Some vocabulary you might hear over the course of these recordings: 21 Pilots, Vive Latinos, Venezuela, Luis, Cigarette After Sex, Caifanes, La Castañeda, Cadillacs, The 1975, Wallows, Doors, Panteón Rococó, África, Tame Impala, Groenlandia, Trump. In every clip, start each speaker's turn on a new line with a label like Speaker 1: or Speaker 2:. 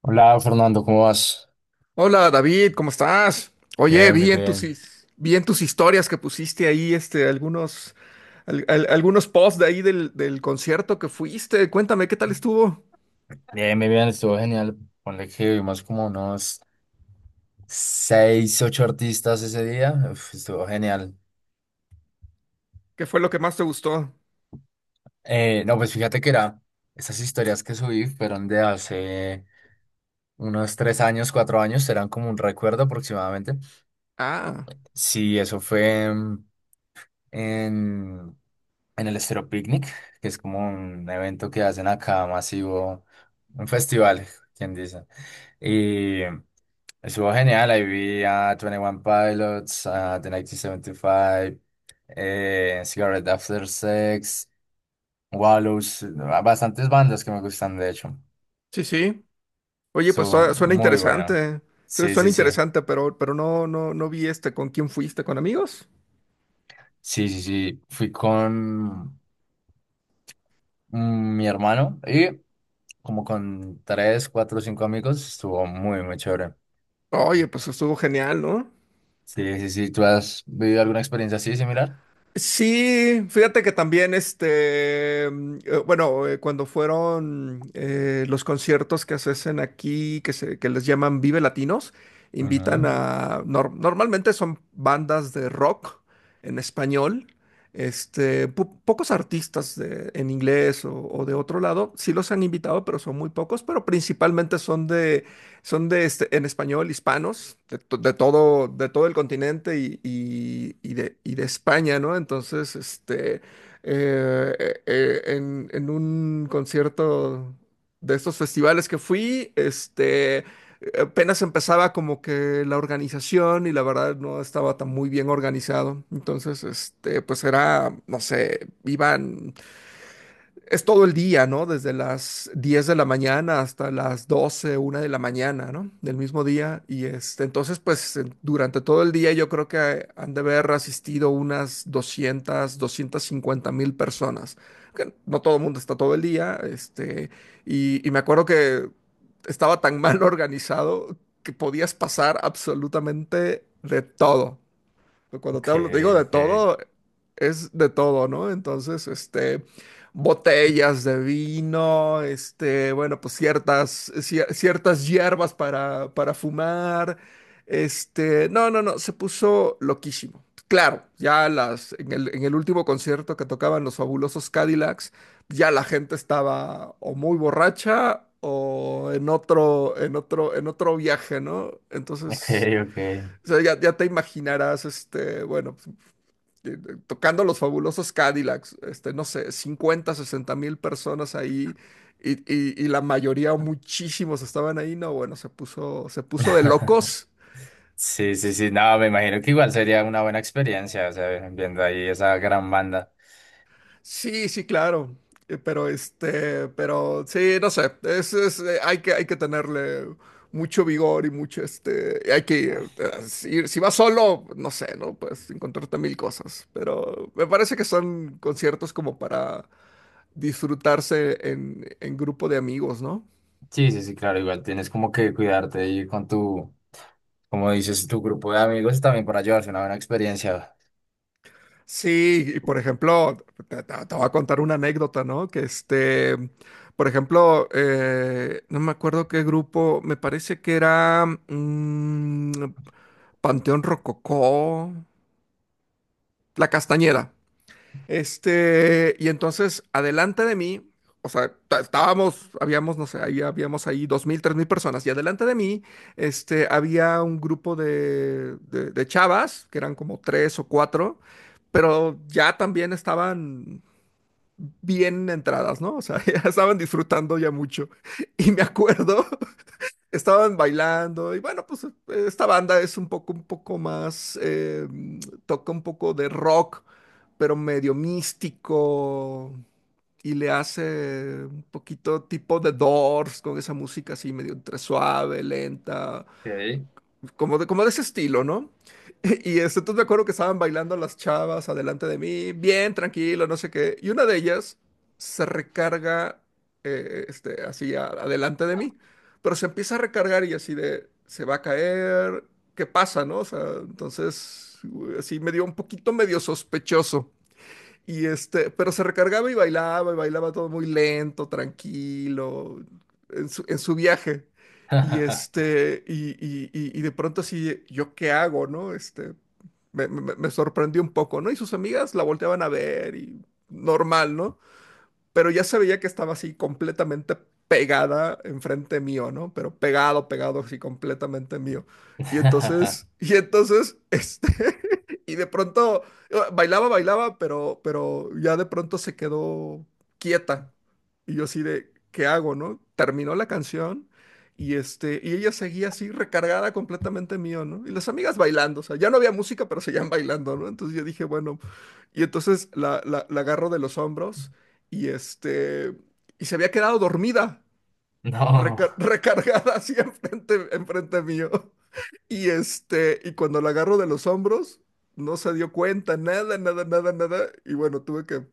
Speaker 1: Hola Fernando, ¿cómo vas?
Speaker 2: Hola David, ¿cómo estás? Oye,
Speaker 1: Bien, bien, bien.
Speaker 2: vi en tus historias que pusiste ahí algunos posts de ahí del concierto que fuiste. Cuéntame, ¿qué tal estuvo?
Speaker 1: Bien, bien, bien, estuvo genial. Ponle que vimos como unos seis, ocho artistas ese día. Uf, estuvo genial.
Speaker 2: ¿Qué fue lo que más te gustó?
Speaker 1: No, pues fíjate que era, esas historias que subí fueron de hace unos tres años, cuatro años, eran como un recuerdo aproximadamente.
Speaker 2: Ah,
Speaker 1: Sí, eso fue en, en en el estero Picnic, que es como un evento que hacen acá masivo, un festival, quien dice. Estuvo genial, ahí vi a 21 Pilots, a The 1975, Cigarette After Sex, Wallows, a bastantes bandas que me gustan, de hecho.
Speaker 2: sí, sí. Oye, pues
Speaker 1: Estuvo
Speaker 2: suena
Speaker 1: muy bueno.
Speaker 2: interesante.
Speaker 1: Sí,
Speaker 2: Suena
Speaker 1: sí, sí.
Speaker 2: interesante, pero, no, vi con quién fuiste, ¿con amigos?
Speaker 1: Sí, sí, sí. Fui con mi hermano y como con tres, cuatro, cinco amigos. Estuvo muy, muy chévere.
Speaker 2: Oye, pues estuvo genial, ¿no?
Speaker 1: Sí, sí, sí. ¿Tú has vivido alguna experiencia así similar?
Speaker 2: Sí, fíjate que también, bueno, cuando fueron los conciertos que se hacen aquí, que les llaman Vive Latinos, invitan
Speaker 1: Ujú.
Speaker 2: a, normalmente son bandas de rock en español. Pocos artistas en inglés o de otro lado, sí los han invitado, pero son muy pocos, pero principalmente son de en español, hispanos, de todo el continente y de España, ¿no? Entonces, en un concierto de estos festivales que fui, apenas empezaba como que la organización y la verdad no estaba tan muy bien organizado. Entonces, pues era, no sé, iban es todo el día, ¿no? Desde las 10 de la mañana hasta las 12, 1 de la mañana, ¿no? Del mismo día. Y entonces, pues durante todo el día yo creo que han de haber asistido unas 200, 250.000 personas. Que no todo el mundo está todo el día. Y, me acuerdo que estaba tan mal organizado que podías pasar absolutamente de todo. Pues, cuando te
Speaker 1: Ok,
Speaker 2: hablo, te digo de
Speaker 1: ok.
Speaker 2: todo, es de todo, ¿no? Entonces, botellas de vino. Bueno, pues ciertas hierbas para, fumar. No, no, no, se puso loquísimo. Claro, en el último concierto que tocaban los Fabulosos Cadillacs, ya la gente estaba o muy borracha o en otro viaje, ¿no?
Speaker 1: Ok,
Speaker 2: Entonces.
Speaker 1: ok.
Speaker 2: O sea, ya te imaginarás. Bueno, pues, tocando los Fabulosos Cadillacs, no sé, 50, 60 mil personas ahí, y la mayoría, o muchísimos estaban ahí, no, bueno, se puso de locos.
Speaker 1: Sí, sí, sí, no, me imagino que igual sería una buena experiencia, o sea, viendo ahí esa gran banda.
Speaker 2: Sí, sí, claro. Pero pero sí, no sé. Hay que tenerle mucho vigor y mucho Y hay que si vas solo, no sé, ¿no? Pues encontrarte mil cosas. Pero me parece que son conciertos como para disfrutarse en, grupo de amigos, ¿no?
Speaker 1: Sí, sí, sí, claro, igual tienes como que cuidarte ahí con tu, como dices, tu grupo de amigos también para llevarse una buena experiencia.
Speaker 2: Sí, y por ejemplo, te voy a contar una anécdota, ¿no? Que por ejemplo, no me acuerdo qué grupo, me parece que era, Panteón Rococó, La Castañeda. Y entonces, adelante de mí, o sea, estábamos, habíamos, no sé, ahí habíamos ahí 2.000, 3.000 personas, y adelante de mí, había un grupo de chavas, que eran como tres o cuatro, pero ya también estaban bien entradas, ¿no? O sea, ya estaban disfrutando ya mucho. Y me acuerdo, estaban bailando y bueno, pues esta banda es un poco más, toca un poco de rock, pero medio místico, y le hace un poquito tipo de Doors, con esa música así medio entre suave, lenta,
Speaker 1: Ok.
Speaker 2: como de ese estilo, ¿no? Y entonces me acuerdo que estaban bailando las chavas adelante de mí, bien tranquilo, no sé qué. Y una de ellas se recarga así adelante de mí, pero se empieza a recargar y así de, se va a caer, ¿qué pasa, no? O sea, entonces, así me dio un poquito medio sospechoso. Pero se recargaba y bailaba todo muy lento, tranquilo, en su, viaje. Y este, y, y- y- y de pronto así, ¿yo qué hago, no? Me sorprendió un poco, ¿no? Y sus amigas la volteaban a ver y normal, ¿no? Pero ya se veía que estaba así completamente pegada enfrente mío, ¿no? Pero pegado, pegado, así completamente mío. Y entonces, y de pronto bailaba, bailaba, pero, ya de pronto se quedó quieta. Y yo así de, ¿qué hago, no? Terminó la canción y ella seguía así recargada completamente mío, ¿no? Y las amigas bailando, o sea, ya no había música, pero seguían bailando, ¿no? Entonces yo dije, bueno, y entonces la agarro de los hombros y y se había quedado dormida,
Speaker 1: No,
Speaker 2: recargada así enfrente, mío. Y cuando la agarro de los hombros, no se dio cuenta, nada, nada, nada, nada. Y bueno, tuve que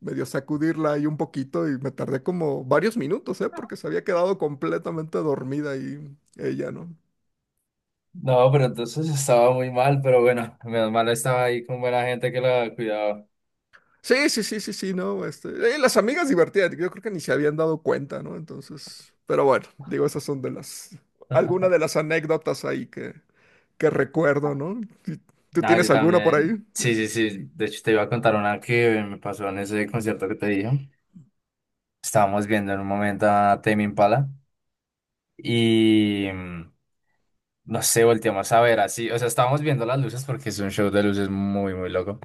Speaker 2: medio sacudirla ahí un poquito y me tardé como varios minutos, ¿eh? Porque se había quedado completamente dormida ahí ella, ¿no?
Speaker 1: no, pero entonces estaba muy mal, pero bueno, menos mal estaba ahí con buena gente que la cuidaba.
Speaker 2: Sí, sí, sí, sí, sí, no. Las amigas divertidas, yo creo que ni se habían dado cuenta, ¿no? Entonces, pero bueno, digo, esas son de las, algunas de las anécdotas ahí que, recuerdo, ¿no? ¿Tú
Speaker 1: No,
Speaker 2: tienes
Speaker 1: yo
Speaker 2: alguna por ahí?
Speaker 1: también, sí, sí, sí, de hecho te iba a contar una que me pasó en ese concierto que te dije. Estábamos viendo en un momento a Tame Impala. Y no sé, volteamos a ver así. O sea, estábamos viendo las luces porque es un show de luces muy, muy loco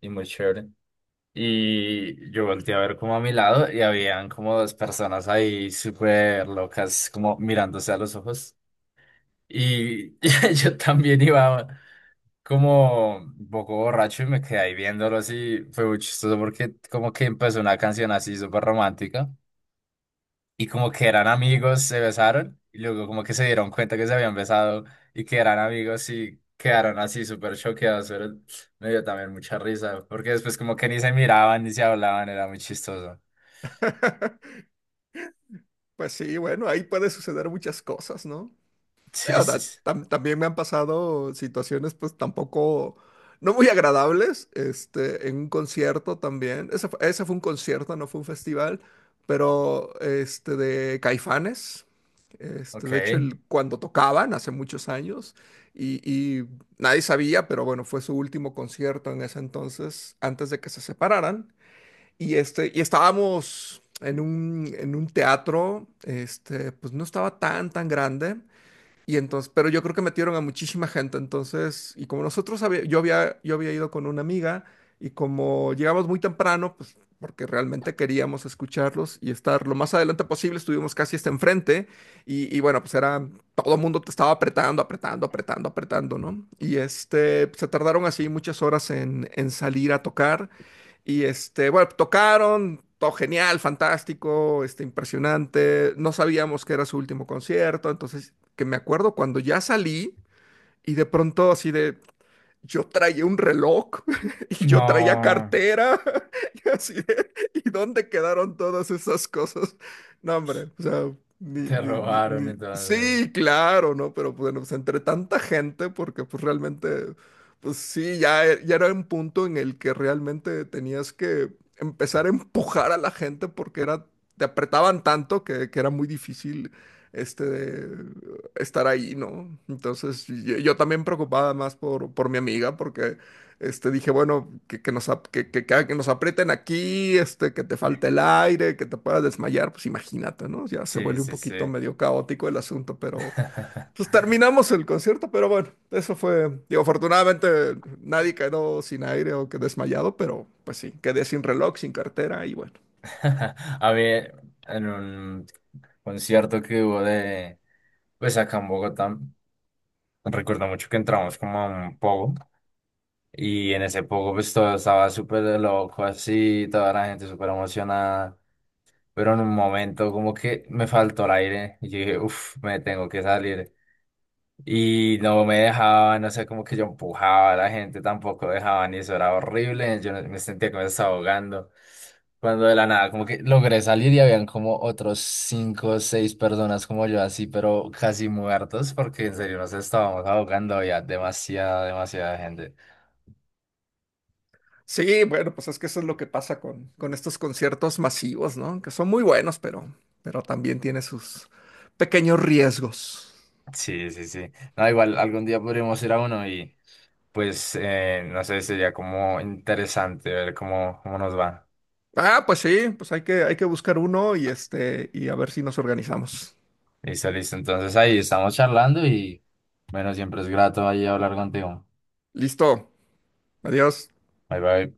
Speaker 1: y muy chévere. Y yo volteé a ver como a mi lado y habían como dos personas ahí súper locas, como mirándose a los ojos. Y yo también iba como un poco borracho y me quedé ahí viéndolo así. Fue muy chistoso porque como que empezó una canción así súper romántica, y como que eran amigos, se besaron y luego como que se dieron cuenta que se habían besado y que eran amigos y quedaron así súper choqueados, pero me dio también mucha risa, porque después como que ni se miraban ni se hablaban, era muy chistoso.
Speaker 2: Pues sí, bueno, ahí puede suceder muchas cosas, ¿no?
Speaker 1: Sí,
Speaker 2: Digo,
Speaker 1: sí, sí.
Speaker 2: también me han pasado situaciones, pues tampoco, no muy agradables, en un concierto también. Ese fue un concierto, no fue un festival, pero de Caifanes.
Speaker 1: Ok.
Speaker 2: De hecho, cuando tocaban hace muchos años, y, nadie sabía, pero bueno, fue su último concierto en ese entonces, antes de que se separaran. Y estábamos en un, teatro. Pues no estaba tan, grande. Y entonces, pero yo creo que metieron a muchísima gente, entonces, y como nosotros había- yo había, yo había ido con una amiga, y como llegamos muy temprano, pues porque realmente queríamos escucharlos y estar lo más adelante posible, estuvimos casi hasta enfrente, y bueno, pues era, todo el mundo te estaba apretando, apretando, apretando, apretando, ¿no? Se tardaron así muchas horas en, salir a tocar, bueno, tocaron. Todo genial, fantástico, impresionante. No sabíamos que era su último concierto, entonces que me acuerdo cuando ya salí y de pronto así de, yo traía un reloj y yo traía
Speaker 1: No,
Speaker 2: cartera y así de, ¿y dónde quedaron todas esas cosas? No, hombre, o sea,
Speaker 1: te robaron
Speaker 2: sí,
Speaker 1: entonces.
Speaker 2: claro, ¿no? Pero bueno, pues entre tanta gente, porque pues realmente, pues sí, ya era un punto en el que realmente tenías que empezar a empujar a la gente, porque era, te apretaban tanto que era muy difícil este estar ahí, ¿no? Entonces yo, también preocupada más por, mi amiga, porque dije, bueno, que nos aprieten aquí, que te falte el aire, que te puedas desmayar, pues imagínate, ¿no? Ya se
Speaker 1: Sí,
Speaker 2: vuelve un
Speaker 1: sí, sí.
Speaker 2: poquito medio caótico el asunto, pero pues terminamos el concierto, pero bueno, eso fue, digo, afortunadamente nadie quedó sin aire o que desmayado, pero pues sí, quedé sin reloj, sin cartera y bueno.
Speaker 1: A mí, en un concierto que hubo de, pues acá en Bogotá, recuerdo mucho que entramos como a un pogo. Y en ese poco, pues todo estaba súper loco, así, toda la gente súper emocionada. Pero en un momento, como que me faltó el aire. Y yo dije, uff, me tengo que salir. Y no me dejaba, no sé, como que yo empujaba a la gente, tampoco dejaban, y eso era horrible. Yo no- me sentía que me estaba ahogando. Cuando de la nada, como que logré salir y habían como otros cinco o seis personas como yo, así, pero casi muertos, porque en serio nos estábamos ahogando, había demasiada, demasiada gente.
Speaker 2: Sí, bueno, pues es que eso es lo que pasa con, estos conciertos masivos, ¿no? Que son muy buenos, pero, también tiene sus pequeños riesgos.
Speaker 1: Sí, sí, sí. No, igual algún día podríamos ir a uno y pues no sé, sería como interesante ver cómo, cómo nos va.
Speaker 2: Ah, pues sí, pues hay que buscar uno y y a ver si nos organizamos.
Speaker 1: Listo, listo. Entonces ahí estamos charlando y bueno, siempre es grato ahí hablar contigo.
Speaker 2: Listo. Adiós.
Speaker 1: Bye, bye.